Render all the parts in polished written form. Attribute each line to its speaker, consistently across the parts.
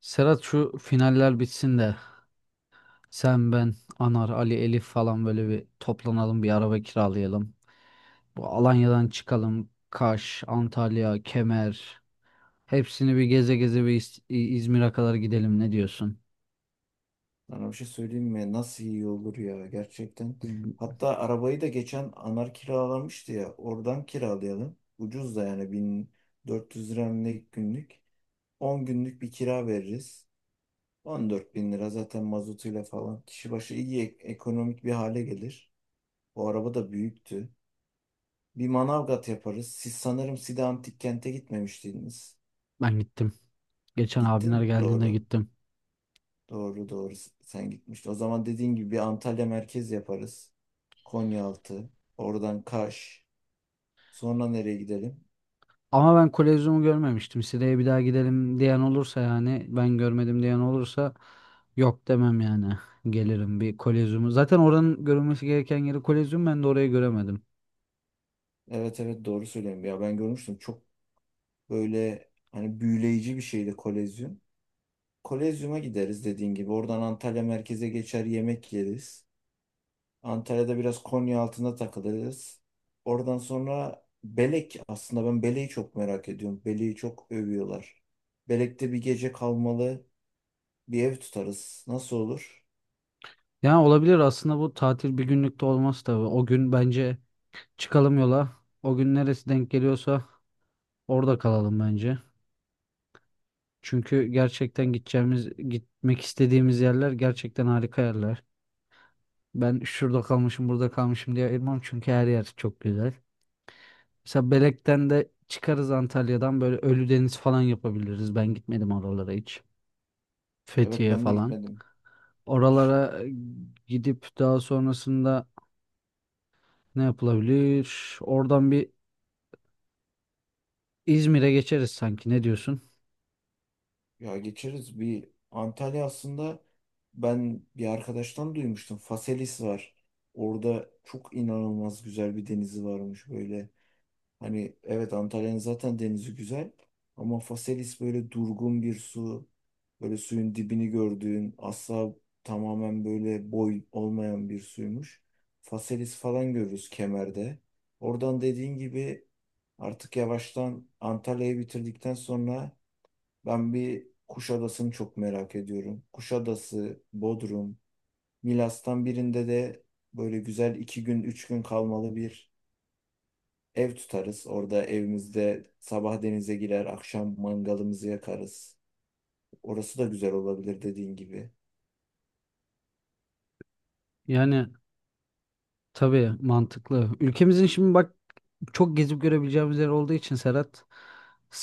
Speaker 1: Serhat şu finaller bitsin de sen ben Anar Ali Elif falan böyle bir toplanalım, bir araba kiralayalım. Bu Alanya'dan çıkalım, Kaş, Antalya, Kemer hepsini bir geze geze bir İzmir'e kadar gidelim, ne diyorsun?
Speaker 2: Sana bir şey söyleyeyim mi? Nasıl iyi olur ya gerçekten. Hatta arabayı da geçen Anar kiralamıştı ya. Oradan kiralayalım. Ucuz da yani 1400 lira ne günlük. 10 günlük bir kira veririz. 14 bin lira zaten mazotuyla falan. Kişi başı iyi ekonomik bir hale gelir. O araba da büyüktü. Bir Manavgat yaparız. Siz sanırım Side Antik Kent'e gitmemiştiniz.
Speaker 1: Ben gittim. Geçen
Speaker 2: Gittin
Speaker 1: abimler
Speaker 2: mi?
Speaker 1: geldiğinde
Speaker 2: Doğru.
Speaker 1: gittim.
Speaker 2: Doğru doğru sen gitmiştin. O zaman dediğin gibi bir Antalya merkez yaparız. Konyaaltı. Oradan Kaş. Sonra nereye gidelim?
Speaker 1: Ama ben Kolezyum'u görmemiştim. Sire'ye bir daha gidelim diyen olursa, yani ben görmedim diyen olursa yok demem yani. Gelirim bir Kolezyum'u. Zaten oranın görülmesi gereken yeri Kolezyum, ben de orayı göremedim.
Speaker 2: Evet evet doğru söylüyorum. Ya ben görmüştüm. Çok böyle hani büyüleyici bir şeydi Kolezyum. Kolezyum'a gideriz dediğin gibi. Oradan Antalya merkeze geçer yemek yeriz. Antalya'da biraz Konya Konyaaltı'nda takılırız. Oradan sonra Belek. Aslında ben Belek'i çok merak ediyorum. Belek'i çok övüyorlar. Belek'te bir gece kalmalı. Bir ev tutarız. Nasıl olur?
Speaker 1: Yani olabilir aslında, bu tatil bir günlük de olmaz tabii. O gün bence çıkalım yola. O gün neresi denk geliyorsa orada kalalım bence. Çünkü gerçekten gideceğimiz, gitmek istediğimiz yerler gerçekten harika yerler. Ben şurada kalmışım, burada kalmışım diye ayırmam, çünkü her yer çok güzel. Mesela Belek'ten de çıkarız, Antalya'dan böyle Ölüdeniz falan yapabiliriz. Ben gitmedim oralara hiç.
Speaker 2: Evet
Speaker 1: Fethiye
Speaker 2: ben de
Speaker 1: falan.
Speaker 2: gitmedim. Hiç.
Speaker 1: Oralara gidip daha sonrasında ne yapılabilir? Oradan bir İzmir'e geçeriz sanki. Ne diyorsun?
Speaker 2: Ya geçeriz. Bir Antalya aslında ben bir arkadaştan duymuştum. Faselis var. Orada çok inanılmaz güzel bir denizi varmış böyle. Hani evet Antalya'nın zaten denizi güzel ama Faselis böyle durgun bir su. Böyle suyun dibini gördüğün asla tamamen böyle boy olmayan bir suymuş. Faselis falan görürüz kemerde. Oradan dediğin gibi artık yavaştan Antalya'yı bitirdikten sonra ben bir Kuşadası'nı çok merak ediyorum. Kuşadası, Bodrum, Milas'tan birinde de böyle güzel 2 gün, 3 gün kalmalı bir ev tutarız. Orada evimizde sabah denize girer, akşam mangalımızı yakarız. Orası da güzel olabilir dediğin gibi.
Speaker 1: Yani tabii mantıklı. Ülkemizin şimdi bak çok gezip görebileceğimiz yer olduğu için Serhat,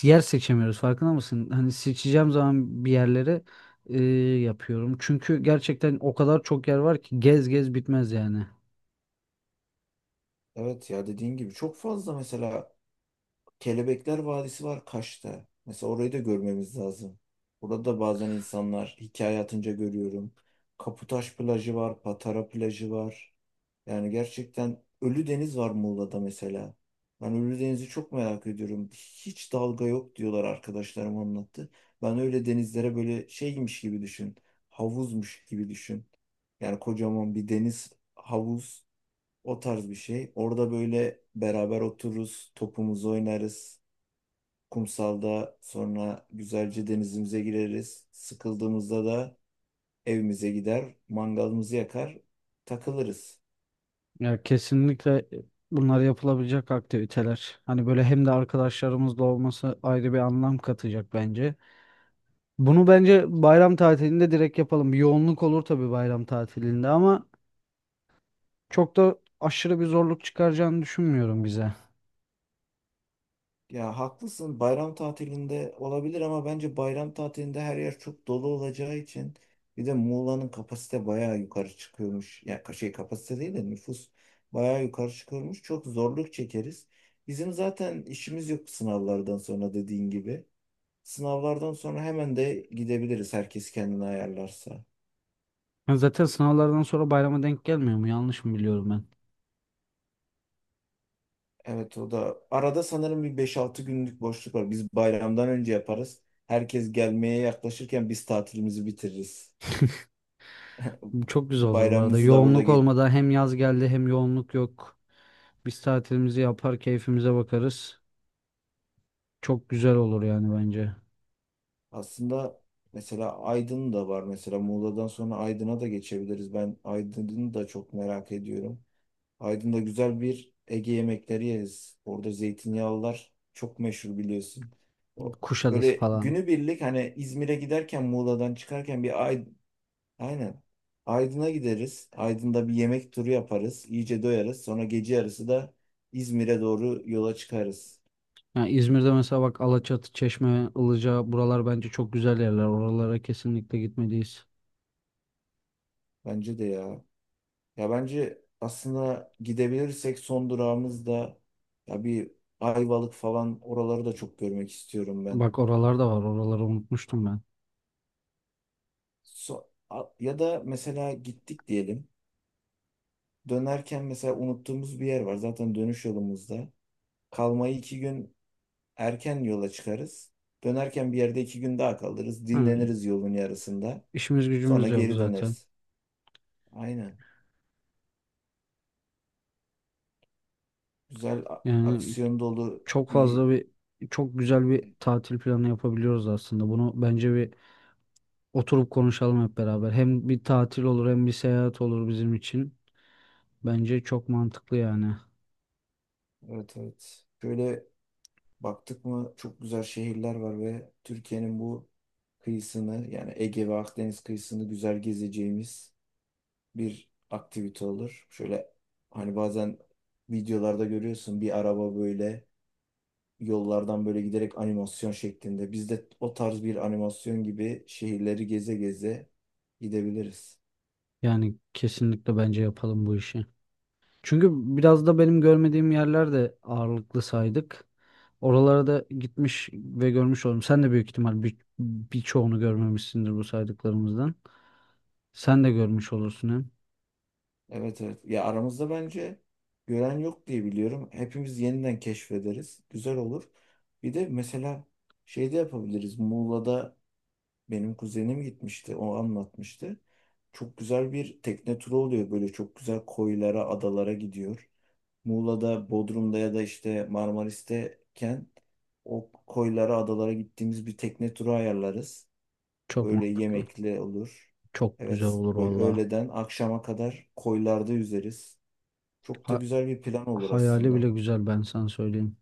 Speaker 1: yer seçemiyoruz. Farkında mısın? Hani seçeceğim zaman bir yerleri e, yapıyorum. Çünkü gerçekten o kadar çok yer var ki gez gez bitmez yani.
Speaker 2: Evet ya dediğin gibi çok fazla mesela Kelebekler Vadisi var Kaş'ta. Mesela orayı da görmemiz lazım. Burada da bazen insanlar hikaye atınca görüyorum. Kaputaş plajı var, Patara plajı var. Yani gerçekten Ölüdeniz var Muğla'da mesela. Ben Ölüdeniz'i çok merak ediyorum. Hiç dalga yok diyorlar arkadaşlarım anlattı. Ben öyle denizlere böyle şeymiş gibi düşün. Havuzmuş gibi düşün. Yani kocaman bir deniz havuz o tarz bir şey. Orada böyle beraber otururuz, topumuzu oynarız. Kumsalda sonra güzelce denizimize gireriz. Sıkıldığımızda da evimize gider, mangalımızı yakar, takılırız.
Speaker 1: Ya kesinlikle bunlar yapılabilecek aktiviteler. Hani böyle, hem de arkadaşlarımızla olması ayrı bir anlam katacak bence. Bunu bence bayram tatilinde direkt yapalım. Bir yoğunluk olur tabii bayram tatilinde ama çok da aşırı bir zorluk çıkaracağını düşünmüyorum bize.
Speaker 2: Ya haklısın bayram tatilinde olabilir ama bence bayram tatilinde her yer çok dolu olacağı için bir de Muğla'nın kapasite bayağı yukarı çıkıyormuş. Ya şey kapasite değil de nüfus bayağı yukarı çıkıyormuş. Çok zorluk çekeriz. Bizim zaten işimiz yok sınavlardan sonra dediğin gibi. Sınavlardan sonra hemen de gidebiliriz herkes kendini ayarlarsa.
Speaker 1: Ya zaten sınavlardan sonra bayrama denk gelmiyor mu? Yanlış mı biliyorum ben?
Speaker 2: Evet o da. Arada sanırım bir 5-6 günlük boşluk var. Biz bayramdan önce yaparız. Herkes gelmeye yaklaşırken biz tatilimizi bitiririz.
Speaker 1: Bu çok güzel olur bu arada.
Speaker 2: Bayramımızı da burada
Speaker 1: Yoğunluk
Speaker 2: geç...
Speaker 1: olmadan, hem yaz geldi hem yoğunluk yok. Biz tatilimizi yapar, keyfimize bakarız. Çok güzel olur yani bence.
Speaker 2: Aslında mesela Aydın da var. Mesela Muğla'dan sonra Aydın'a da geçebiliriz. Ben Aydın'ı da çok merak ediyorum. Aydın'da güzel bir Ege yemekleri yeriz. Orada zeytinyağlılar çok meşhur biliyorsun. O-
Speaker 1: Kuşadası
Speaker 2: Böyle
Speaker 1: falan.
Speaker 2: günübirlik hani İzmir'e giderken Muğla'dan çıkarken bir Aynen. Aydın'a gideriz. Aydın'da bir yemek turu yaparız. İyice doyarız. Sonra gece yarısı da İzmir'e doğru yola çıkarız.
Speaker 1: Yani İzmir'de mesela bak Alaçatı, Çeşme, Ilıca buralar bence çok güzel yerler. Oralara kesinlikle gitmeliyiz.
Speaker 2: Bence de ya. Ya bence aslında gidebilirsek son durağımız da ya bir Ayvalık falan oraları da çok görmek istiyorum ben.
Speaker 1: Bak oralar da var. Oraları unutmuştum ben.
Speaker 2: Ya da mesela gittik diyelim. Dönerken mesela unuttuğumuz bir yer var. Zaten dönüş yolumuzda. Kalmayı iki gün erken yola çıkarız. Dönerken bir yerde 2 gün daha kalırız.
Speaker 1: Ha,
Speaker 2: Dinleniriz yolun yarısında.
Speaker 1: işimiz
Speaker 2: Sonra
Speaker 1: gücümüz de yok
Speaker 2: geri
Speaker 1: zaten.
Speaker 2: döneriz. Aynen. Güzel
Speaker 1: Yani
Speaker 2: aksiyon dolu
Speaker 1: çok
Speaker 2: bir
Speaker 1: fazla bir çok güzel bir tatil planı yapabiliyoruz aslında. Bunu bence bir oturup konuşalım hep beraber. Hem bir tatil olur hem bir seyahat olur bizim için. Bence çok mantıklı yani.
Speaker 2: evet evet. Şöyle baktık mı çok güzel şehirler var ve Türkiye'nin bu kıyısını yani Ege ve Akdeniz kıyısını güzel gezeceğimiz bir aktivite olur. Şöyle hani bazen videolarda görüyorsun bir araba böyle yollardan böyle giderek animasyon şeklinde. Biz de o tarz bir animasyon gibi şehirleri geze geze gidebiliriz.
Speaker 1: Yani kesinlikle bence yapalım bu işi. Çünkü biraz da benim görmediğim yerler de ağırlıklı saydık. Oralara da gitmiş ve görmüş oldum. Sen de büyük ihtimal birçoğunu görmemişsindir bu saydıklarımızdan. Sen de görmüş olursun hem.
Speaker 2: Evet evet. Ya aramızda bence gören yok diye biliyorum. Hepimiz yeniden keşfederiz. Güzel olur. Bir de mesela şey de yapabiliriz. Muğla'da benim kuzenim gitmişti. O anlatmıştı. Çok güzel bir tekne turu oluyor. Böyle çok güzel koylara, adalara gidiyor. Muğla'da, Bodrum'da ya da işte Marmaris'teyken o koylara, adalara gittiğimiz bir tekne turu ayarlarız.
Speaker 1: Çok
Speaker 2: Böyle
Speaker 1: mantıklı.
Speaker 2: yemekli olur.
Speaker 1: Çok güzel
Speaker 2: Evet,
Speaker 1: olur
Speaker 2: böyle
Speaker 1: valla.
Speaker 2: öğleden akşama kadar koylarda yüzeriz. Çok da güzel bir plan olur
Speaker 1: Hayali
Speaker 2: aslında.
Speaker 1: bile güzel, ben sana söyleyeyim.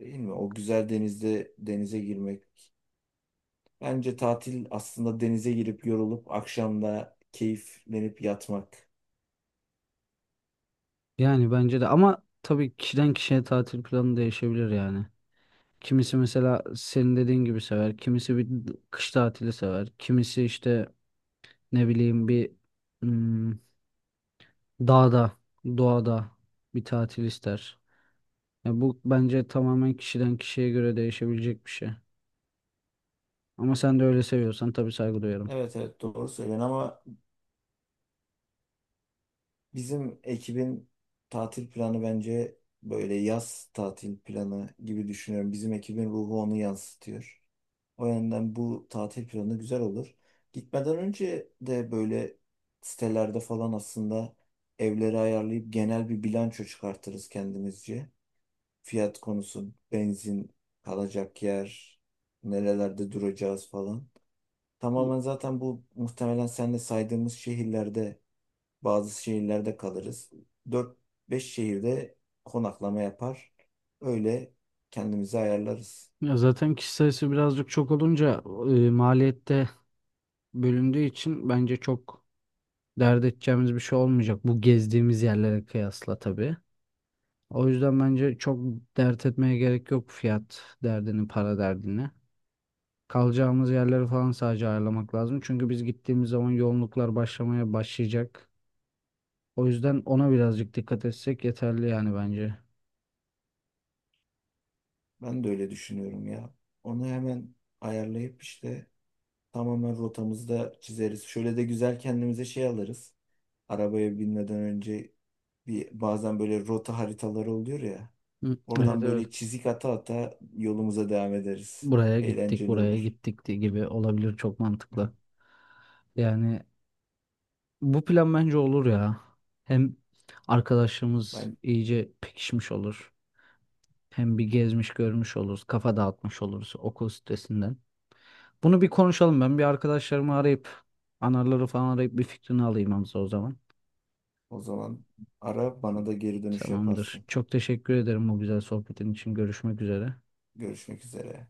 Speaker 2: Değil mi? O güzel denizde denize girmek. Bence tatil aslında denize girip yorulup akşamda keyiflenip yatmak.
Speaker 1: Yani bence de, ama tabii kişiden kişiye tatil planı değişebilir yani. Kimisi mesela senin dediğin gibi sever. Kimisi bir kış tatili sever. Kimisi işte ne bileyim bir hmm, dağda, doğada bir tatil ister. Ya bu bence tamamen kişiden kişiye göre değişebilecek bir şey. Ama sen de öyle seviyorsan tabii saygı duyarım.
Speaker 2: Evet evet doğru söylen ama bizim ekibin tatil planı bence böyle yaz tatil planı gibi düşünüyorum. Bizim ekibin ruhu onu yansıtıyor. O yönden bu tatil planı güzel olur. Gitmeden önce de böyle sitelerde falan aslında evleri ayarlayıp genel bir bilanço çıkartırız kendimizce. Fiyat konusu, benzin, kalacak yer, nerelerde duracağız falan. Tamamen zaten bu muhtemelen sen de saydığımız şehirlerde bazı şehirlerde kalırız. Dört beş şehirde konaklama yapar. Öyle kendimizi ayarlarız.
Speaker 1: Ya zaten kişi sayısı birazcık çok olunca maliyette bölündüğü için bence çok dert edeceğimiz bir şey olmayacak. Bu gezdiğimiz yerlere kıyasla tabii. O yüzden bence çok dert etmeye gerek yok fiyat derdini, para derdini. Kalacağımız yerleri falan sadece ayarlamak lazım. Çünkü biz gittiğimiz zaman yoğunluklar başlamaya başlayacak. O yüzden ona birazcık dikkat etsek yeterli yani bence.
Speaker 2: Ben de öyle düşünüyorum ya. Onu hemen ayarlayıp işte tamamen rotamızı da çizeriz. Şöyle de güzel kendimize şey alırız. Arabaya binmeden önce bir bazen böyle rota haritaları oluyor ya.
Speaker 1: Hı, evet
Speaker 2: Oradan
Speaker 1: evet.
Speaker 2: böyle çizik ata ata yolumuza devam ederiz.
Speaker 1: Buraya gittik,
Speaker 2: Eğlenceli
Speaker 1: buraya
Speaker 2: olur.
Speaker 1: gittik diye gibi olabilir, çok mantıklı. Yani bu plan bence olur ya. Hem arkadaşımız
Speaker 2: Ben
Speaker 1: iyice pekişmiş olur. Hem bir gezmiş görmüş oluruz, kafa dağıtmış oluruz okul stresinden. Bunu bir konuşalım. Ben bir arkadaşlarımı arayıp, anarları falan arayıp bir fikrini alayım Hamza o zaman.
Speaker 2: o zaman ara bana da geri dönüş
Speaker 1: Tamamdır.
Speaker 2: yaparsın.
Speaker 1: Çok teşekkür ederim bu güzel sohbetin için. Görüşmek üzere.
Speaker 2: Görüşmek üzere.